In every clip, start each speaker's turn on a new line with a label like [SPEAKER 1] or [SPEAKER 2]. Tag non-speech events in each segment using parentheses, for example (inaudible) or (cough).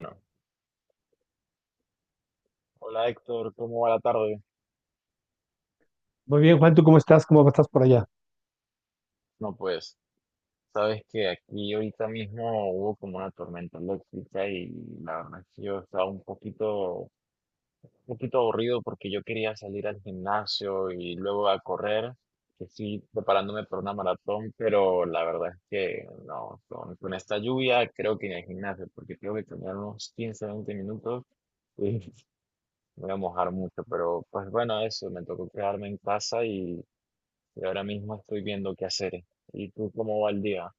[SPEAKER 1] Bueno, hola Héctor, ¿cómo va la tarde?
[SPEAKER 2] Muy bien, Juan, ¿tú cómo estás? ¿Cómo estás por allá?
[SPEAKER 1] No, pues, sabes que aquí ahorita mismo hubo como una tormenta eléctrica y la verdad es que yo estaba un poquito aburrido porque yo quería salir al gimnasio y luego a correr, que sí, preparándome para una maratón, pero la verdad es que no, con esta lluvia creo que ni al gimnasio, porque tengo que caminar unos 15 20 minutos y (laughs) me voy a mojar mucho, pero pues bueno, eso, me tocó quedarme en casa y... Y ahora mismo estoy viendo qué hacer. ¿Y tú cómo va el día?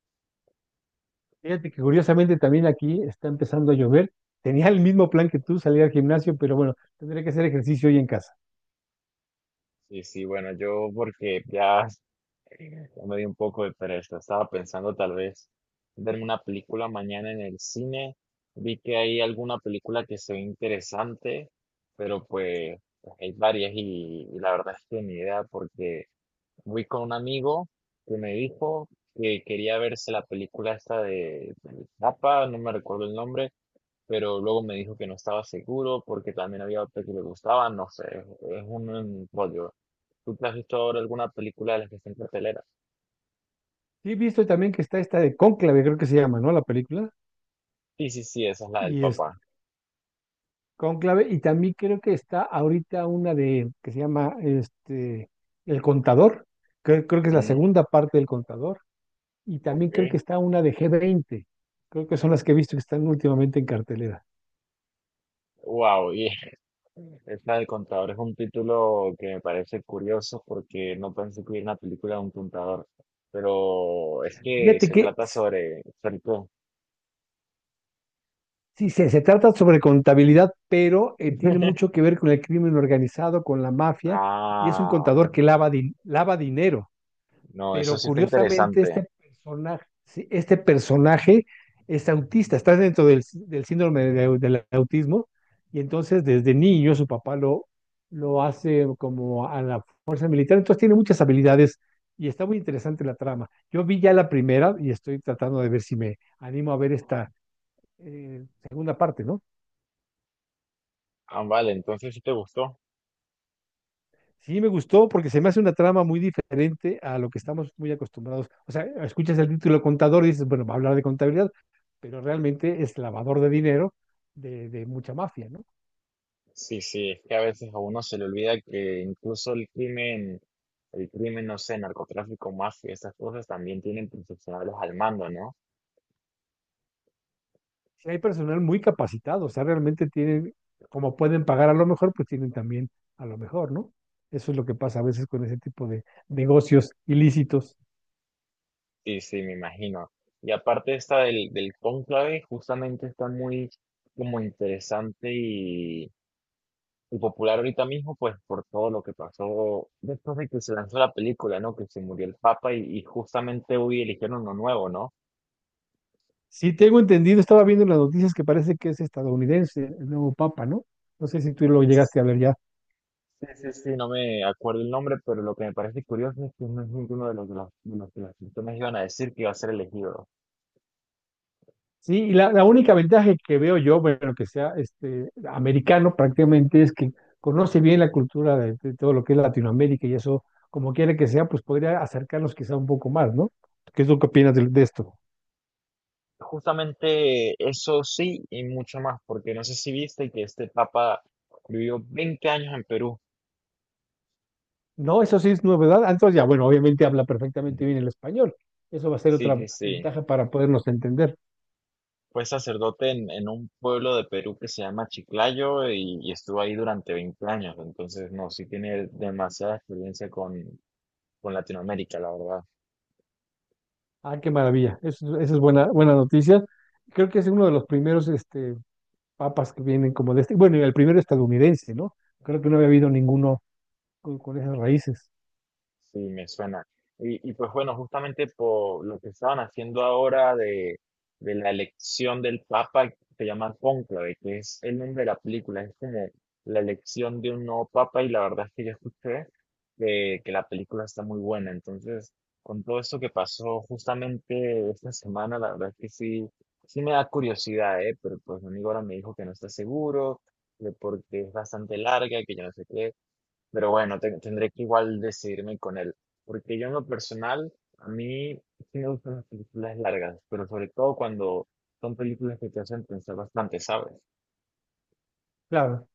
[SPEAKER 2] Fíjate que curiosamente también aquí está empezando a llover. Tenía el mismo plan que tú, salir al gimnasio, pero bueno, tendré que hacer ejercicio hoy en casa.
[SPEAKER 1] Sí, sí, bueno, yo porque ya, (laughs) ya me di un poco de pereza. Estaba pensando tal vez ver una película mañana en el cine. Vi que hay alguna película que se ve interesante, pero pues, hay varias y la verdad es que ni idea porque fui con un amigo que me dijo que quería verse la película esta de Papa, no me recuerdo el nombre, pero luego me dijo que no estaba seguro porque también había otra que le gustaba, no sé, es un rollo. ¿Tú te has visto ahora alguna película de las que está en cartelera?
[SPEAKER 2] Sí, he visto también que está esta de Cónclave, creo que se llama, ¿no? La película.
[SPEAKER 1] Sí, sí, sí, esa es la del
[SPEAKER 2] Y es
[SPEAKER 1] papá.
[SPEAKER 2] Cónclave, y también creo que está ahorita una de, que se llama, El Contador. Creo que es la
[SPEAKER 1] Mm,
[SPEAKER 2] segunda parte del Contador. Y también creo que
[SPEAKER 1] ok.
[SPEAKER 2] está una de G20. Creo que son las que he visto que están últimamente en cartelera.
[SPEAKER 1] Wow, y (laughs) esta del contador es un título que me parece curioso porque no pensé que hubiera una película de un contador, pero es que
[SPEAKER 2] Fíjate
[SPEAKER 1] se
[SPEAKER 2] que
[SPEAKER 1] trata sobre Felpo.
[SPEAKER 2] sí, se trata sobre contabilidad, pero tiene mucho
[SPEAKER 1] (laughs)
[SPEAKER 2] que ver con el crimen organizado, con la mafia, y es un
[SPEAKER 1] Ah,
[SPEAKER 2] contador que lava, lava dinero.
[SPEAKER 1] no, eso
[SPEAKER 2] Pero
[SPEAKER 1] sí está
[SPEAKER 2] curiosamente,
[SPEAKER 1] interesante.
[SPEAKER 2] este personaje, sí, este personaje es autista, está dentro del síndrome del autismo, y entonces desde niño su papá lo hace como a la fuerza militar, entonces tiene muchas habilidades y está muy interesante la trama. Yo vi ya la primera y estoy tratando de ver si me animo a ver esta segunda parte, ¿no?
[SPEAKER 1] Ah, vale, entonces sí te gustó.
[SPEAKER 2] Sí, me gustó porque se me hace una trama muy diferente a lo que estamos muy acostumbrados. O sea, escuchas el título contador y dices, bueno, va a hablar de contabilidad, pero realmente es lavador de dinero de mucha mafia, ¿no?
[SPEAKER 1] Sí, sí, es que a veces a uno se le olvida que incluso el crimen, no sé, narcotráfico, mafia, estas cosas también tienen profesionales al mando, ¿no?
[SPEAKER 2] Sí, hay personal muy capacitado, o sea, realmente tienen, como pueden pagar a lo mejor, pues tienen también a lo mejor, ¿no? Eso es lo que pasa a veces con ese tipo de negocios ilícitos.
[SPEAKER 1] Sí, sí, me imagino. Y aparte esta del cónclave, justamente está muy como interesante y popular ahorita mismo, pues por todo lo que pasó después de que se lanzó la película, ¿no? Que se murió el Papa y justamente hoy eligieron uno nuevo, ¿no?
[SPEAKER 2] Sí, tengo entendido, estaba viendo en las noticias que parece que es estadounidense el nuevo papa, ¿no? No sé si tú lo llegaste a ver ya.
[SPEAKER 1] Sí, sí, sí, no me acuerdo el nombre, pero lo que me parece curioso es que no es ninguno de los que las personas iban a decir que iba a ser elegido.
[SPEAKER 2] Sí, y la única ventaja que veo yo, bueno, que sea este, americano prácticamente, es que conoce bien la cultura de todo lo que es Latinoamérica y eso, como quiera que sea, pues podría acercarnos quizá un poco más, ¿no? ¿Qué es lo que opinas de esto?
[SPEAKER 1] Justamente eso sí y mucho más, porque no sé si viste que este papa vivió 20 años en Perú.
[SPEAKER 2] No, eso sí es novedad. Ah, entonces ya, bueno, obviamente habla perfectamente bien
[SPEAKER 1] (laughs)
[SPEAKER 2] el español. Eso va a ser
[SPEAKER 1] Sí,
[SPEAKER 2] otra
[SPEAKER 1] sí, sí.
[SPEAKER 2] ventaja para podernos entender.
[SPEAKER 1] Fue sacerdote en un pueblo de Perú que se llama Chiclayo y estuvo ahí durante 20 años. Entonces, no, sí tiene demasiada experiencia con Latinoamérica, la verdad.
[SPEAKER 2] Ah, qué maravilla. Eso es buena, buena noticia. Creo que es uno de los primeros papas que vienen como de este. Bueno, y el primero estadounidense, ¿no? Creo que no había habido ninguno con esas raíces.
[SPEAKER 1] Sí, me suena. Y pues bueno, justamente por lo que estaban haciendo ahora de la elección del Papa, se llama Cónclave, que es el nombre de la película, es como la elección de un nuevo Papa y la verdad es que yo escuché que la película está muy buena. Entonces, con todo esto que pasó justamente esta semana, la verdad es que sí, sí me da curiosidad, ¿eh? Pero pues mi amigo ahora me dijo que no está seguro, que porque es bastante larga, que yo no sé qué. Pero bueno, tendré que igual decidirme con él. Porque yo en lo personal, a mí sí me gustan las películas largas, pero sobre todo cuando son películas que te hacen pensar bastante, ¿sabes?
[SPEAKER 2] Claro.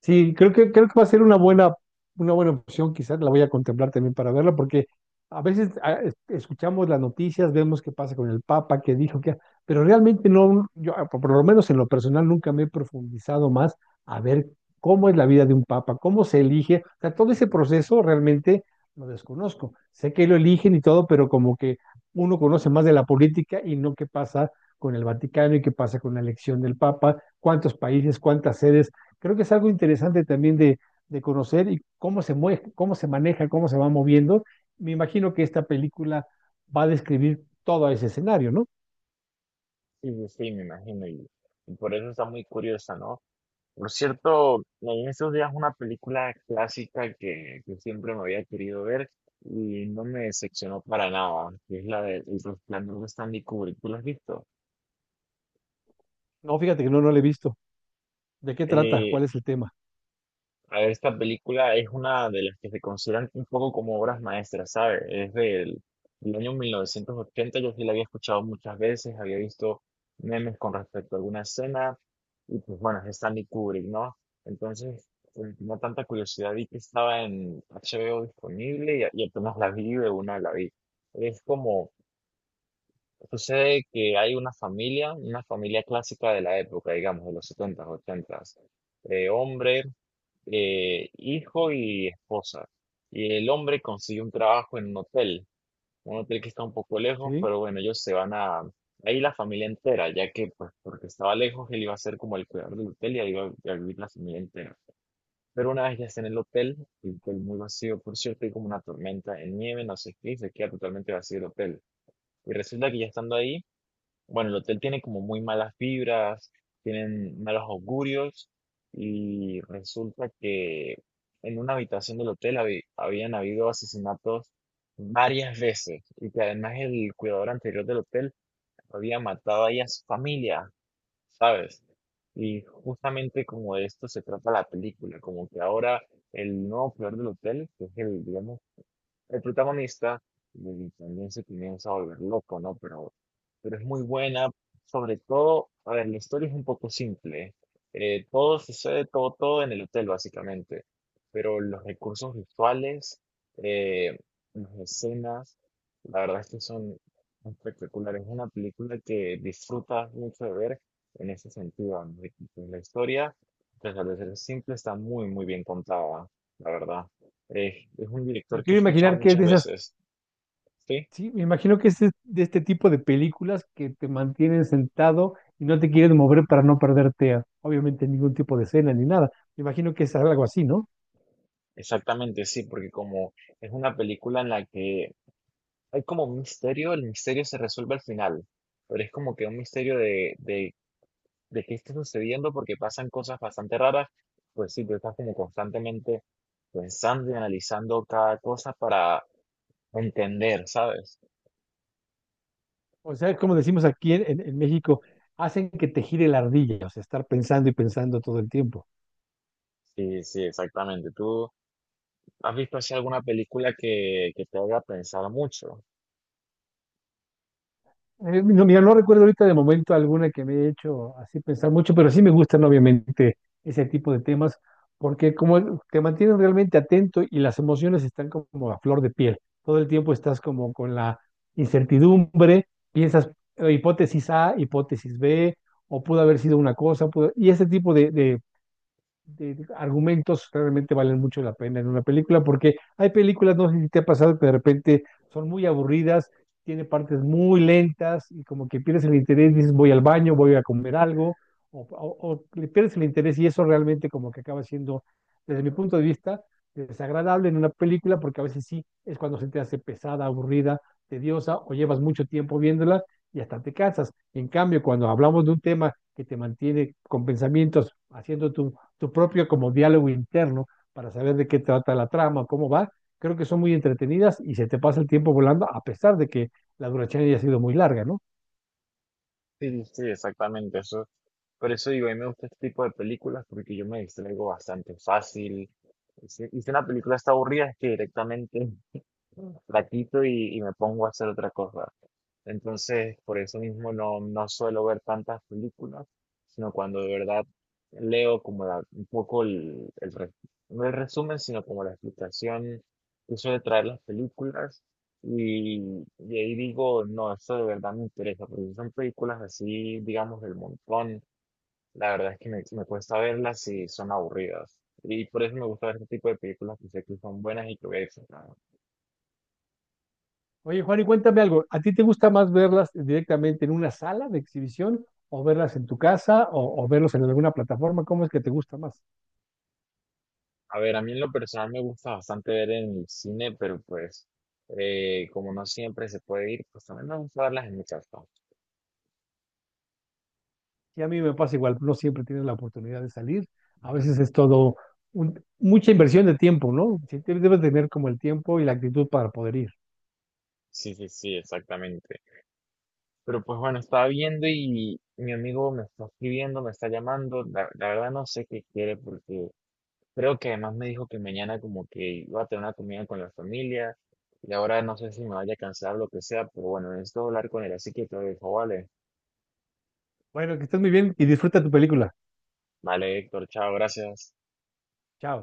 [SPEAKER 2] Sí, creo que va a ser una buena opción, quizás la voy a contemplar también para verla, porque a veces escuchamos las noticias, vemos qué pasa con el Papa, qué dijo, qué, pero realmente no, yo por lo menos en lo personal nunca me he profundizado más a ver cómo es la vida de un Papa, cómo se elige, o sea, todo ese proceso realmente lo desconozco. Sé que lo eligen y todo, pero como que uno conoce más de la política y no qué pasa con el Vaticano y qué pasa con la elección del Papa, cuántos países, cuántas sedes. Creo que es algo interesante también de conocer y cómo se mueve, cómo se maneja, cómo se va moviendo. Me imagino que esta película va a describir todo ese escenario, ¿no?
[SPEAKER 1] Sí, sí, sí, me imagino. Y por eso está muy curiosa, ¿no? Por cierto, leí en estos días una película clásica que siempre me había querido ver y no me decepcionó para nada, que es la de El Resplandor de Stanley Kubrick. ¿Tú la has visto?
[SPEAKER 2] No, fíjate que no, no la he visto. ¿De qué trata?
[SPEAKER 1] Eh,
[SPEAKER 2] ¿Cuál es el tema?
[SPEAKER 1] A ver, esta película es una de las que se consideran un poco como obras maestras, ¿sabes? Es del año 1980. Yo sí la había escuchado muchas veces, había visto memes con respecto a alguna escena, y pues bueno, es Stanley Kubrick, ¿no? Entonces, tenía tanta curiosidad, vi que estaba en HBO disponible y apenas la vi, de una la vi. Es como, sucede que hay una familia clásica de la época, digamos, de los 70, 80. Hombre, hijo y esposa. Y el hombre consiguió un trabajo en un hotel que está un poco lejos,
[SPEAKER 2] Sí.
[SPEAKER 1] pero bueno, ellos se van a, ahí la familia entera, ya que pues porque estaba lejos, él iba a ser como el cuidador del hotel y ahí iba a vivir la familia entera. Pero una vez ya está en el hotel muy vacío, por cierto, hay como una tormenta en nieve, no sé qué, y se queda totalmente vacío el hotel. Y resulta que ya estando ahí, bueno, el hotel tiene como muy malas vibras, tienen malos augurios y resulta que en una habitación del hotel habían habido asesinatos varias veces y que además el cuidador anterior del hotel había matado ahí a su familia, ¿sabes? Y justamente como de esto se trata la película, como que ahora el nuevo cuidador del hotel, que es el, digamos, el protagonista también se comienza a volver loco, ¿no? Pero es muy buena, sobre todo, a ver, la historia es un poco simple. Todo sucede, todo, todo en el hotel, básicamente. Pero los recursos visuales, eh, las escenas, la verdad es que son espectaculares. Es una película que disfrutas mucho de ver en ese sentido, ¿no? Y, pues, la historia, pues, al ser simple, está muy, muy bien contada, la verdad. Es un
[SPEAKER 2] Me
[SPEAKER 1] director que he
[SPEAKER 2] quiero
[SPEAKER 1] escuchado
[SPEAKER 2] imaginar que es
[SPEAKER 1] muchas
[SPEAKER 2] de esas,
[SPEAKER 1] veces. Sí,
[SPEAKER 2] sí, me imagino que es de este tipo de películas que te mantienen sentado y no te quieren mover para no perderte, obviamente, ningún tipo de escena ni nada. Me imagino que es algo así, ¿no?
[SPEAKER 1] exactamente, sí, porque como es una película en la que hay como un misterio, el misterio se resuelve al final, pero es como que un misterio de qué está sucediendo porque pasan cosas bastante raras, pues sí, tú estás como constantemente pensando y analizando cada cosa para entender, ¿sabes?
[SPEAKER 2] O sea, como decimos aquí en, en México, hacen que te gire la ardilla, o sea, estar pensando y pensando todo el tiempo.
[SPEAKER 1] Sí, sí, exactamente. ¿Tú has visto así alguna película que te haga pensar mucho?
[SPEAKER 2] No, mira, no recuerdo ahorita de momento alguna que me haya hecho así pensar mucho, pero sí me gustan obviamente ese tipo de temas, porque como te mantienen realmente atento y las emociones están como a flor de piel. Todo el tiempo estás como con la incertidumbre, piensas hipótesis A, hipótesis B, o pudo haber sido una cosa, y ese tipo de argumentos realmente valen mucho la pena en una película, porque hay películas, no sé si te ha pasado, que de repente son muy aburridas, tiene partes muy lentas y como que pierdes el interés, dices voy al baño, voy a comer algo, o, o le pierdes el interés y eso realmente como que acaba siendo, desde mi punto de vista, desagradable en una película, porque a veces sí es cuando se te hace pesada, aburrida, tediosa, o llevas mucho tiempo viéndola y hasta te cansas. En cambio, cuando hablamos de un tema que te mantiene con pensamientos, haciendo tu propio como diálogo interno para saber de qué trata la trama, cómo va. Creo que son muy entretenidas y se te pasa el tiempo volando a pesar de que la duración haya sido muy larga, ¿no?
[SPEAKER 1] Sí, sí, exactamente. Eso. Por eso digo, a mí me gusta este tipo de películas porque yo me distraigo bastante fácil. Y si una película está aburrida, es que directamente la quito y me pongo a hacer otra cosa. Entonces, por eso mismo no, no suelo ver tantas películas, sino cuando de verdad leo como un poco el, no el resumen, sino como la explicación que suele traer las películas. Y, y ahí digo, no, esto de verdad me interesa, porque si son películas así, digamos, del montón, la verdad es que me cuesta verlas si son aburridas. Y por eso me gusta ver este tipo de películas que sé que son buenas y que voy a disfrutar.
[SPEAKER 2] Oye, Juan, y cuéntame algo, ¿a ti te gusta más verlas directamente en una sala de exhibición o verlas en tu casa o verlos en alguna plataforma? ¿Cómo es que te gusta más?
[SPEAKER 1] A ver, a mí en lo personal me gusta bastante ver en el cine, pero pues como no siempre se puede ir, pues también me gusta verlas en mi casa.
[SPEAKER 2] Y a mí me pasa igual, no siempre tienes la oportunidad de salir, a veces es todo mucha inversión de tiempo, ¿no? Sí, debes tener como el tiempo y la actitud para poder ir.
[SPEAKER 1] Sí, sí, sí, exactamente. Pero pues bueno, estaba viendo y mi amigo me está escribiendo, me está llamando. La verdad no sé qué quiere porque creo que además me dijo que mañana como que iba a tener una comida con la familia y ahora no sé si me vaya a cansar lo que sea, pero bueno, necesito hablar con él, así que te lo dejo, vale.
[SPEAKER 2] Bueno, que estés muy bien y disfruta tu película.
[SPEAKER 1] Vale, Héctor, chao, gracias.
[SPEAKER 2] Chao.